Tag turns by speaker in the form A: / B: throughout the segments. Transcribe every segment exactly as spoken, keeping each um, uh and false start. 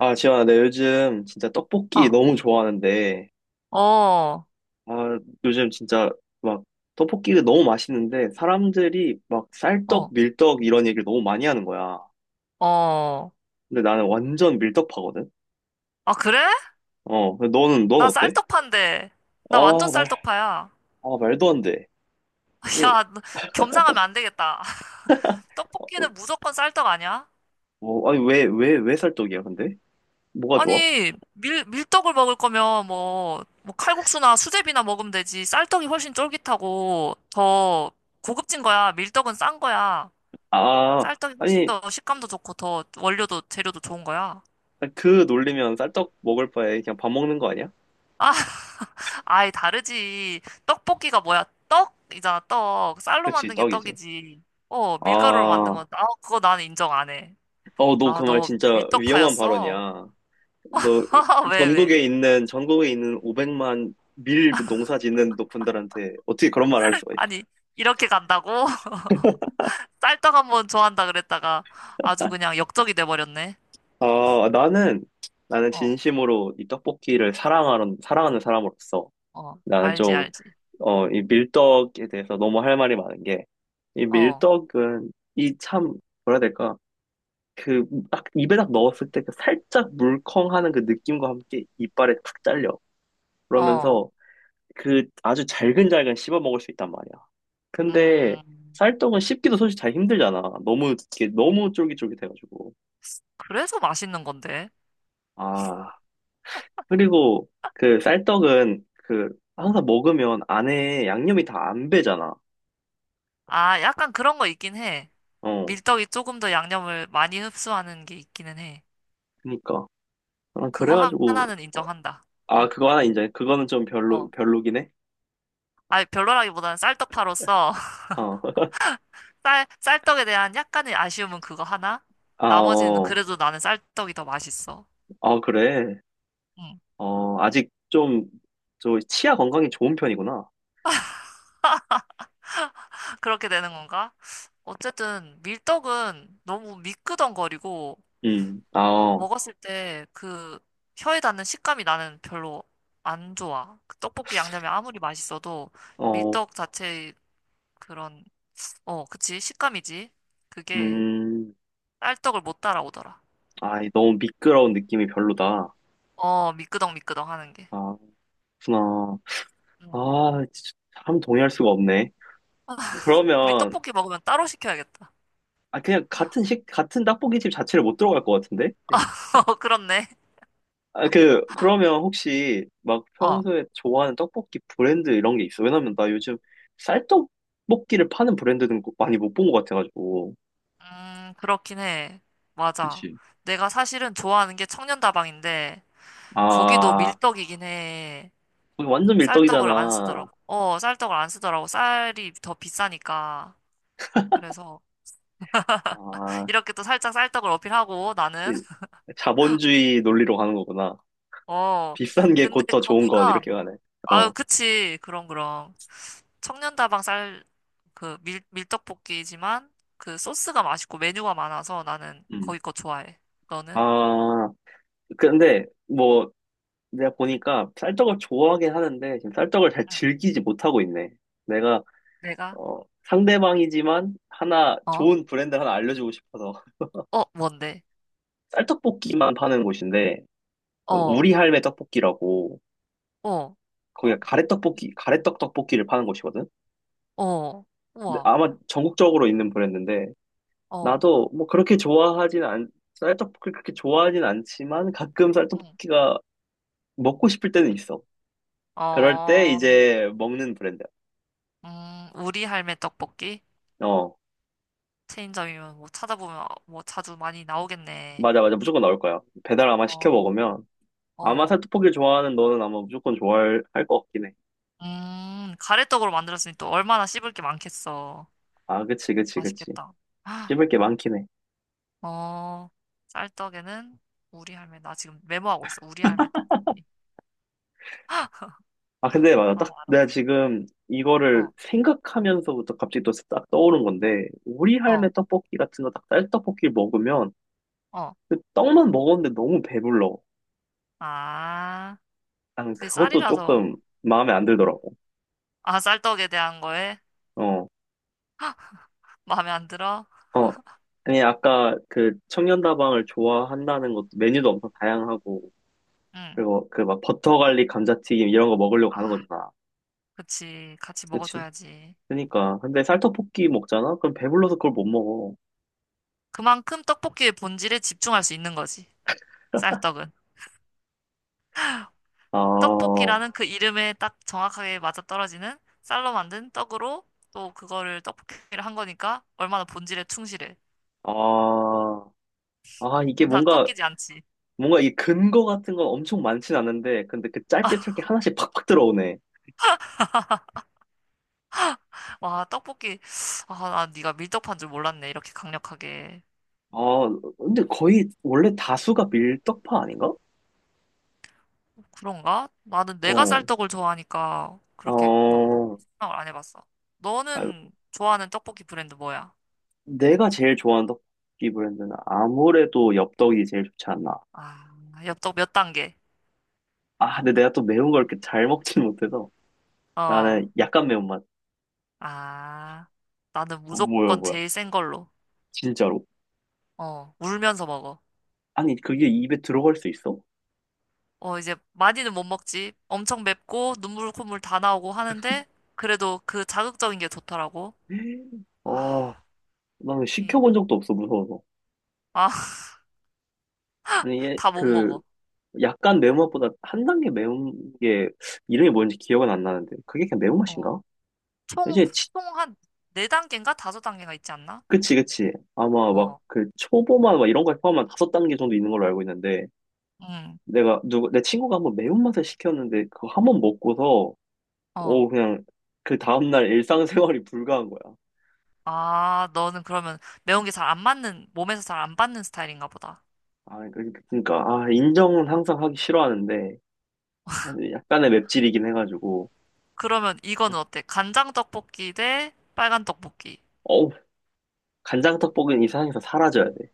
A: 아, 지현아, 내 요즘 진짜 떡볶이
B: 어,
A: 너무 좋아하는데,
B: 어,
A: 아, 요즘 진짜 막 떡볶이가 너무 맛있는데, 사람들이 막 쌀떡,
B: 어.
A: 밀떡 이런 얘기를 너무 많이 하는 거야.
B: 어.
A: 근데 나는 완전 밀떡파거든?
B: 아, 그래?
A: 어, 근데 너는, 넌
B: 나
A: 어때?
B: 쌀떡파인데. 나 완전
A: 아, 말,
B: 쌀떡파야.
A: 아, 말도 안 돼. 아니,
B: 야, 너 겸상하면 안 되겠다.
A: 어,
B: 떡볶이는 무조건 쌀떡 아니야?
A: 뭐, 아니, 왜, 왜, 왜 쌀떡이야, 근데? 뭐가 좋아?
B: 아니, 밀, 밀떡을 먹을 거면 뭐, 뭐 칼국수나 수제비나 먹으면 되지. 쌀떡이 훨씬 쫄깃하고 더 고급진 거야. 밀떡은 싼 거야.
A: 아,
B: 쌀떡이 훨씬
A: 아니,
B: 더 식감도 좋고 더 원료도 재료도 좋은 거야.
A: 그 놀리면 쌀떡 먹을 바에 그냥 밥 먹는 거 아니야?
B: 아, 아예 다르지. 떡볶이가 뭐야? 떡이잖아, 떡. 쌀로
A: 그치,
B: 만든 게
A: 떡이지.
B: 떡이지. 어,
A: 아,
B: 밀가루로 만든 건,
A: 어,
B: 아, 그거 나는 인정 안 해.
A: 너 그
B: 아,
A: 말
B: 너
A: 진짜 위험한
B: 밀떡파였어?
A: 발언이야. 너
B: 왜, 왜?
A: 전국에 있는 전국에 있는 오백만 밀 농사 짓는 너 분들한테 어떻게 그런 말 할 수가 있어?
B: 아니, 이렇게 간다고? 쌀떡 한번 좋아한다 그랬다가 아주 그냥 역적이 돼버렸네.
A: 아, 나는 나는
B: 어,
A: 진심으로 이 떡볶이를 사랑하는 사랑하는 사람으로서
B: 어,
A: 나는
B: 알지,
A: 좀
B: 알지.
A: 어, 이 밀떡에 대해서 너무 할 말이 많은 게, 이
B: 어,
A: 밀떡은 이 참, 뭐라 해야 될까? 그 딱 입에 딱 넣었을 때 그 살짝 물컹하는 그 느낌과 함께 이빨에 탁 잘려.
B: 어,
A: 그러면서 그 아주 잘근잘근 씹어 먹을 수 있단 말이야. 근데
B: 음,
A: 쌀떡은 씹기도 솔직히 잘 힘들잖아. 너무 이게 너무 쫄깃쫄깃해가지고.
B: 그래서 맛있는 건데.
A: 아, 그리고 그 쌀떡은 그
B: 어.
A: 항상 먹으면 안에 양념이 다 안 배잖아.
B: 아, 약간 그런 거 있긴 해.
A: 어,
B: 밀떡이 조금 더 양념을 많이 흡수하는 게 있기는 해.
A: 그니까, 아,
B: 그거 하-
A: 그래가지고,
B: 하나는
A: 어,
B: 인정한다.
A: 아,
B: 어,
A: 그거 하나 인정해. 그거는 좀 별로
B: 어.
A: 별로긴 해.
B: 아니, 별로라기보다는 쌀떡파로서
A: 어.
B: 쌀, 쌀떡에 대한 약간의 아쉬움은 그거 하나?
A: 아,
B: 나머지는
A: 어,
B: 그래도 나는 쌀떡이 더 맛있어.
A: 아, 그래.
B: 음,
A: 어, 아직 좀, 저, 치아 건강이 좋은 편이구나.
B: 그렇게 되는 건가? 어쨌든 밀떡은 너무 미끄덩거리고
A: 음, 아,
B: 아,
A: 어,
B: 먹었을 때 그 혀에 닿는 식감이 나는 별로 안 좋아. 그 떡볶이 양념이 아무리 맛있어도
A: 어,
B: 밀떡 자체의 그런 어, 그치 식감이지. 그게
A: 음.
B: 쌀떡을 못 따라오더라.
A: 아, 너무 미끄러운 느낌이 별로다.
B: 어, 미끄덩 미끄덩 하는 게.
A: 아, 그렇구나.
B: 응.
A: 아, 진짜 참 동의할 수가 없네.
B: 우리
A: 그러면,
B: 떡볶이 먹으면 따로 시켜야겠다.
A: 아, 그냥 같은 식, 같은 떡볶이집 자체를 못 들어갈 것 같은데?
B: 어, 그렇네.
A: 아, 그, 그러면 혹시 막
B: 어.
A: 평소에 좋아하는 떡볶이 브랜드 이런 게 있어? 왜냐면 나 요즘 쌀떡볶이를 파는 브랜드는 거- 많이 못 본 것 같아가지고.
B: 음, 그렇긴 해. 맞아.
A: 그치?
B: 내가 사실은 좋아하는 게 청년다방인데, 거기도
A: 아,
B: 밀떡이긴 해.
A: 거기 완전
B: 쌀떡을 안 쓰더라고.
A: 밀떡이잖아.
B: 어, 쌀떡을 안 쓰더라고. 쌀이 더 비싸니까. 그래서,
A: 아,
B: 이렇게 또 살짝 쌀떡을 어필하고, 나는.
A: 이- 자본주의 논리로 가는 거구나.
B: 어.
A: 비싼 게
B: 근데
A: 곧 더 좋은 건
B: 거기가,
A: 이렇게 가네.
B: 아유,
A: 어.
B: 그치. 그럼, 그럼. 청년다방 쌀, 그 밀, 밀떡볶이지만 그 소스가 맛있고 메뉴가 많아서 나는
A: 음.
B: 거기 거 좋아해. 너는?
A: 아, 근데 뭐, 내가 보니까 쌀떡을 좋아하긴 하는데 지금 쌀떡을 잘
B: 응.
A: 즐기지 못하고 있네. 내가
B: 내가?
A: 어, 상대방이지만 하나
B: 어?
A: 좋은 브랜드 하나 알려주고 싶어서.
B: 어, 뭔데?
A: 쌀떡볶이만 파는 곳인데,
B: 어,
A: 어,
B: 어,
A: 우리 할매 떡볶이라고,
B: 어,
A: 거기가 가래떡볶이, 가래떡 떡볶이를 파는 곳이거든.
B: 어,
A: 근데
B: 우와,
A: 아마 전국적으로 있는 브랜드인데,
B: 어,
A: 나도 뭐 그렇게 좋아하진 않, 쌀떡볶이 그렇게 좋아하진 않지만 가끔
B: 응.
A: 쌀떡볶이가 먹고 싶을 때는 있어. 그럴 때
B: 어,
A: 이제 먹는 브랜드.
B: 음, 우리 할매 떡볶이?
A: 어,
B: 체인점이면 뭐 찾아보면 뭐 자주 많이 나오겠네.
A: 맞아, 맞아. 무조건 나올 거야. 배달 아마 시켜
B: 어,
A: 먹으면. 아마
B: 어,
A: 살떡볶이 좋아하는 너는 아마 무조건 좋아할 것 같긴 해.
B: 음, 가래떡으로 만들었으니 또 얼마나 씹을 게 많겠어.
A: 아, 그치, 그치, 그치.
B: 맛있겠다.
A: 씹을 게 많긴 해.
B: 어, 쌀떡에는 우리 할매, 나 지금 메모하고 있어. 우리 할매 떡볶이.
A: 아, 근데 맞아.
B: 어,
A: 딱
B: 알아.
A: 내가 지금 이거를
B: 어,
A: 생각하면서부터 갑자기 또 딱 떠오른 건데, 우리
B: 어,
A: 할매 떡볶이 같은 거 딱 쌀떡볶이 먹으면
B: 어.
A: 그 떡만 먹었는데 너무 배불러.
B: 아,
A: 나는
B: 그게
A: 그것도 조금
B: 쌀이라서.
A: 마음에 안
B: 응.
A: 들더라고.
B: 아, 쌀떡에 대한 거에
A: 어,
B: 마음에 안 들어?
A: 어. 아니, 아까 그 청년다방을 좋아한다는 것도 메뉴도 엄청 다양하고,
B: 응.
A: 그리고 그 막 버터 갈릭 감자튀김 이런 거 먹으려고 가는
B: 아,
A: 거잖아.
B: 그치. 같이
A: 그치?
B: 먹어줘야지.
A: 그니까. 근데 쌀떡볶이 먹잖아? 그럼 배불러서 그걸
B: 응.
A: 못 먹어.
B: 그만큼 떡볶이의 본질에 집중할 수 있는 거지. 쌀떡은.
A: 아,
B: 떡볶이라는 그 이름에 딱 정확하게 맞아떨어지는 쌀로 만든 떡으로 또 그거를 떡볶이를 한 거니까 얼마나 본질에 충실해.
A: 아, 아, 이게
B: 나
A: 뭔가,
B: 꺾이지 않지.
A: 뭔가 이 근거 같은 건 엄청 많진 않은데, 근데 그 짧게 짧게 하나씩 팍팍 들어오네.
B: 와, 떡볶이. 아, 난 네가 밀떡파인 줄 몰랐네. 이렇게 강력하게.
A: 아, 근데 거의 원래 다수가 밀떡파 아닌가?
B: 그런가? 나는 내가 쌀
A: 어,
B: 떡을 좋아하니까 그렇게 막
A: 어,
B: 생각을 안 해봤어.
A: 아,
B: 너는 좋아하는 떡볶이 브랜드 뭐야?
A: 내가 제일 좋아하는 떡볶이 브랜드는 아무래도 엽떡이 제일 좋지 않나.
B: 아, 엽떡 몇 단계?
A: 아, 근데 내가 또 매운 걸 이렇게 잘 먹지는 못해서
B: 어.
A: 나는 약간 매운맛.
B: 아, 나는
A: 어, 뭐야,
B: 무조건
A: 뭐야.
B: 제일 센 걸로.
A: 진짜로?
B: 어, 울면서 먹어.
A: 아니, 그게 입에 들어갈 수 있어?
B: 어, 이제 많이는 못 먹지. 엄청 맵고 눈물 콧물 다 나오고 하는데 그래도 그 자극적인 게 좋더라고.
A: 어,
B: 아,
A: 나는
B: 이,
A: 시켜본 적도 없어, 무서워서.
B: 아,
A: 아니, 얘,
B: 다 못
A: 그,
B: 먹어.
A: 약간 매운맛보다 한 단계 매운 게 이름이 뭔지 기억은 안 나는데. 그게 그냥
B: 어.
A: 매운맛인가?
B: 총,
A: 이제, 치-
B: 총 한 네단계인가 다섯 단계가 있지 않나?
A: 그치, 그치. 아마 막
B: 어,
A: 그 초보만 막 이런 거에 포함한 다섯 단계 정도 있는 걸로 알고 있는데.
B: 응
A: 내가 누구 내 친구가 한번 매운맛을 시켰는데 그거 한 번 먹고서,
B: 어.
A: 어, 그냥 그 다음날 일상생활이 불가한 거야.
B: 아, 너는 그러면 매운 게 잘 안 맞는, 몸에서 잘 안 받는 스타일인가 보다.
A: 아, 그- 그러니까, 아, 인정은 항상 하기 싫어하는데 약간의 맵찔이긴 해가지고.
B: 그러면 이거는 어때? 간장 떡볶이 대 빨간 떡볶이.
A: 어우, 간장 떡볶이는 이 세상에서 사라져야 돼.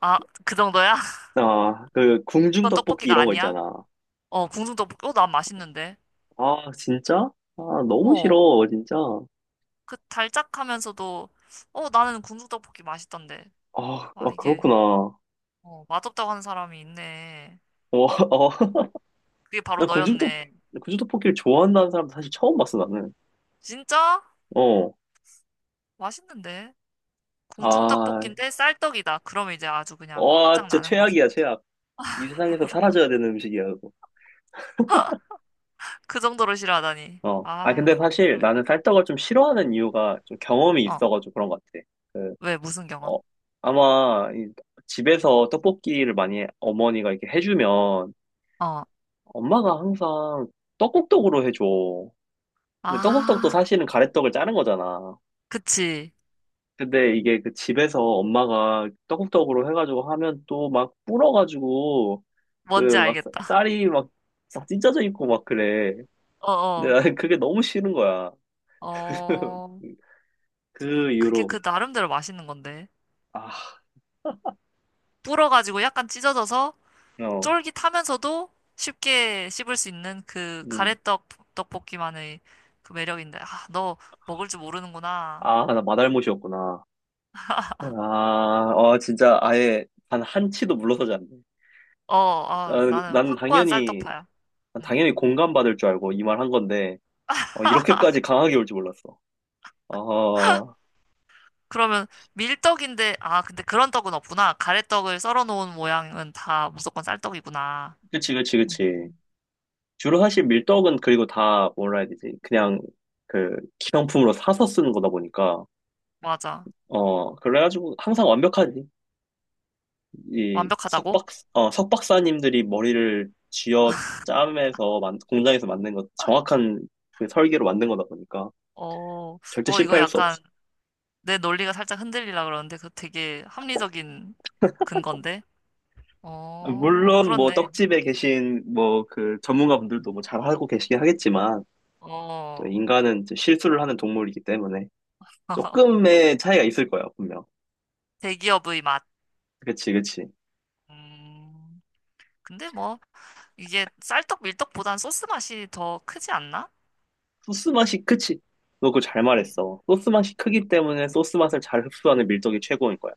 B: 아, 그 정도야?
A: 아, 그 궁중
B: 그건
A: 떡볶이
B: 떡볶이가
A: 이런 거
B: 아니야?
A: 있잖아.
B: 어, 궁중 떡볶이. 어, 난 맛있는데.
A: 아, 진짜? 아, 너무
B: 어,
A: 싫어 진짜.
B: 그 달짝하면서도, 어, 나는 궁중 떡볶이 맛있던데.
A: 아,
B: 아,
A: 아,
B: 이게,
A: 그렇구나. 어.
B: 어, 맛없다고 하는 사람이 있네.
A: 어,
B: 그게 바로
A: 나 궁중 떡
B: 너였네.
A: 궁중 떡볶이를 좋아한다는 사람 사실 처음 봤어 나는.
B: 진짜?
A: 어.
B: 맛있는데.
A: 아,
B: 공중떡볶이인데 쌀떡이다. 그러면 이제 아주 그냥
A: 와, 진짜
B: 끝장나는 거지.
A: 최악이야, 최악. 이 세상에서 사라져야 되는 음식이야, 그거.
B: 그 정도로 싫어하다니.
A: 어. 아, 근데
B: 아,
A: 사실
B: 모르겠-
A: 나는 쌀떡을 좀 싫어하는 이유가 좀 경험이
B: 어,
A: 있어가지고 그런 것 같아. 그,
B: 왜, 무슨 경험?
A: 어, 아마 이 집에서 떡볶이를 많이 어머니가 이렇게 해주면,
B: 어,
A: 엄마가 항상 떡국떡으로 해줘. 근데 떡국떡도
B: 아,
A: 사실은 가래떡을 짜는 거잖아.
B: 그치.
A: 근데 이게 그 집에서 엄마가 떡국떡으로 해가지고 하면 또 막 불어가지고 그
B: 뭔지
A: 막
B: 알겠다.
A: 쌀이 막 싹 찢어져 있고 막 그래.
B: 어,
A: 근데
B: 어,
A: 나는 그게 너무 싫은 거야.
B: 어,
A: 그
B: 그게
A: 이후로,
B: 그 나름대로 맛있는 건데.
A: 아,
B: 불어가지고 약간 찢어져서
A: 어,
B: 쫄깃하면서도 쉽게 씹을 수 있는 그
A: 음.
B: 가래떡 떡볶이만의 그 매력인데. 아, 너 먹을 줄 모르는구나.
A: 아, 나 마달못이었구나. 아, 어, 진짜 아예 단 한 치도 물러서지 않네.
B: 어, 어,
A: 나는,
B: 나는
A: 난
B: 확고한
A: 당연히,
B: 쌀떡파야.
A: 난
B: 음.
A: 당연히 공감받을 줄 알고 이 말 한 건데, 어, 이렇게까지 강하게 올 줄 몰랐어. 아,
B: 그러면 밀떡인데, 아, 근데 그런 떡은 없구나. 가래떡을 썰어 놓은 모양은 다 무조건 쌀떡이구나.
A: 그치, 그치,
B: 음,
A: 그치. 주로 사실 밀떡은, 그리고 다 뭐라 해야 되지? 그냥 그 기성품으로 사서 쓰는 거다 보니까,
B: 맞아.
A: 어, 그래가지고 항상 완벽하지. 이
B: 완벽하다고?
A: 석박, 어, 석박사님들이 머리를 쥐어 짜면서, 만, 공장에서 만든 것, 정확한 그 설계로 만든 거다 보니까
B: 어,
A: 절대
B: 어, 이거
A: 실패할 수 없어.
B: 약간 내 논리가 살짝 흔들리라 그러는데, 그 되게 합리적인 근건데?
A: 아,
B: 어,
A: 물론 뭐
B: 그렇네.
A: 떡집에 계신 뭐 그 전문가분들도 뭐 잘하고 계시긴 하겠지만, 또
B: 어,
A: 인간은 이제 실수를 하는 동물이기 때문에 조금의 차이가 있을 거야, 분명.
B: 대기업의 맛.
A: 그치, 그치.
B: 음, 근데 뭐, 이게 쌀떡 밀떡보단 소스 맛이 더 크지 않나?
A: 소스 맛이 크지. 너 그거 잘
B: 음,
A: 말했어. 소스 맛이 크기 때문에 소스 맛을 잘 흡수하는 밀떡이 최고인 거야.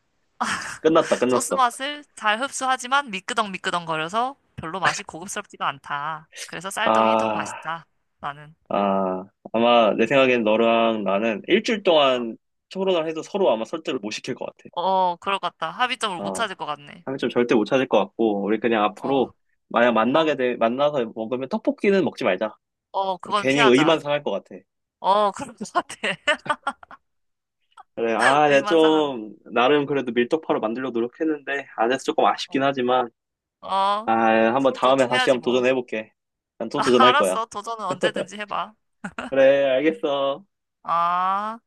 A: 자, 끝났다,
B: 소스
A: 끝났어.
B: 맛을 잘 흡수하지만 미끄덩미끄덩거려서 별로 맛이 고급스럽지가 않다. 그래서 쌀떡이 더
A: 아.
B: 맛있다. 나는.
A: 아, 아마 내 생각엔 너랑 나는 일주일
B: 어,
A: 동안 토론을 해도 서로 아마 설득을 못 시킬 것 같아.
B: 어, 그럴 것 같다. 합의점을 못
A: 아,
B: 찾을 것 같네.
A: 한점 절대 못 찾을 것 같고, 우리 그냥
B: 어,
A: 앞으로 만약
B: 어,
A: 만나게 돼, 만나서 먹으면 떡볶이는 먹지 말자.
B: 어, 그건
A: 괜히 의만
B: 피하자.
A: 상할 것 같아.
B: 어, 그럴 것 같아.
A: 그래, 아, 내가
B: 의만 상한.
A: 좀, 나름
B: 어,
A: 그래도 밀떡파로 만들려고 노력했는데, 안 돼서 조금 아쉽긴
B: 어,
A: 하지만, 아,
B: 어.
A: 한번
B: 서로
A: 다음에 다시
B: 존중해야지
A: 한번
B: 뭐.
A: 도전해볼게. 난 또 도전할 거야.
B: 알았어. 도전은 언제든지 해봐.
A: 그래, 알겠어.
B: 아.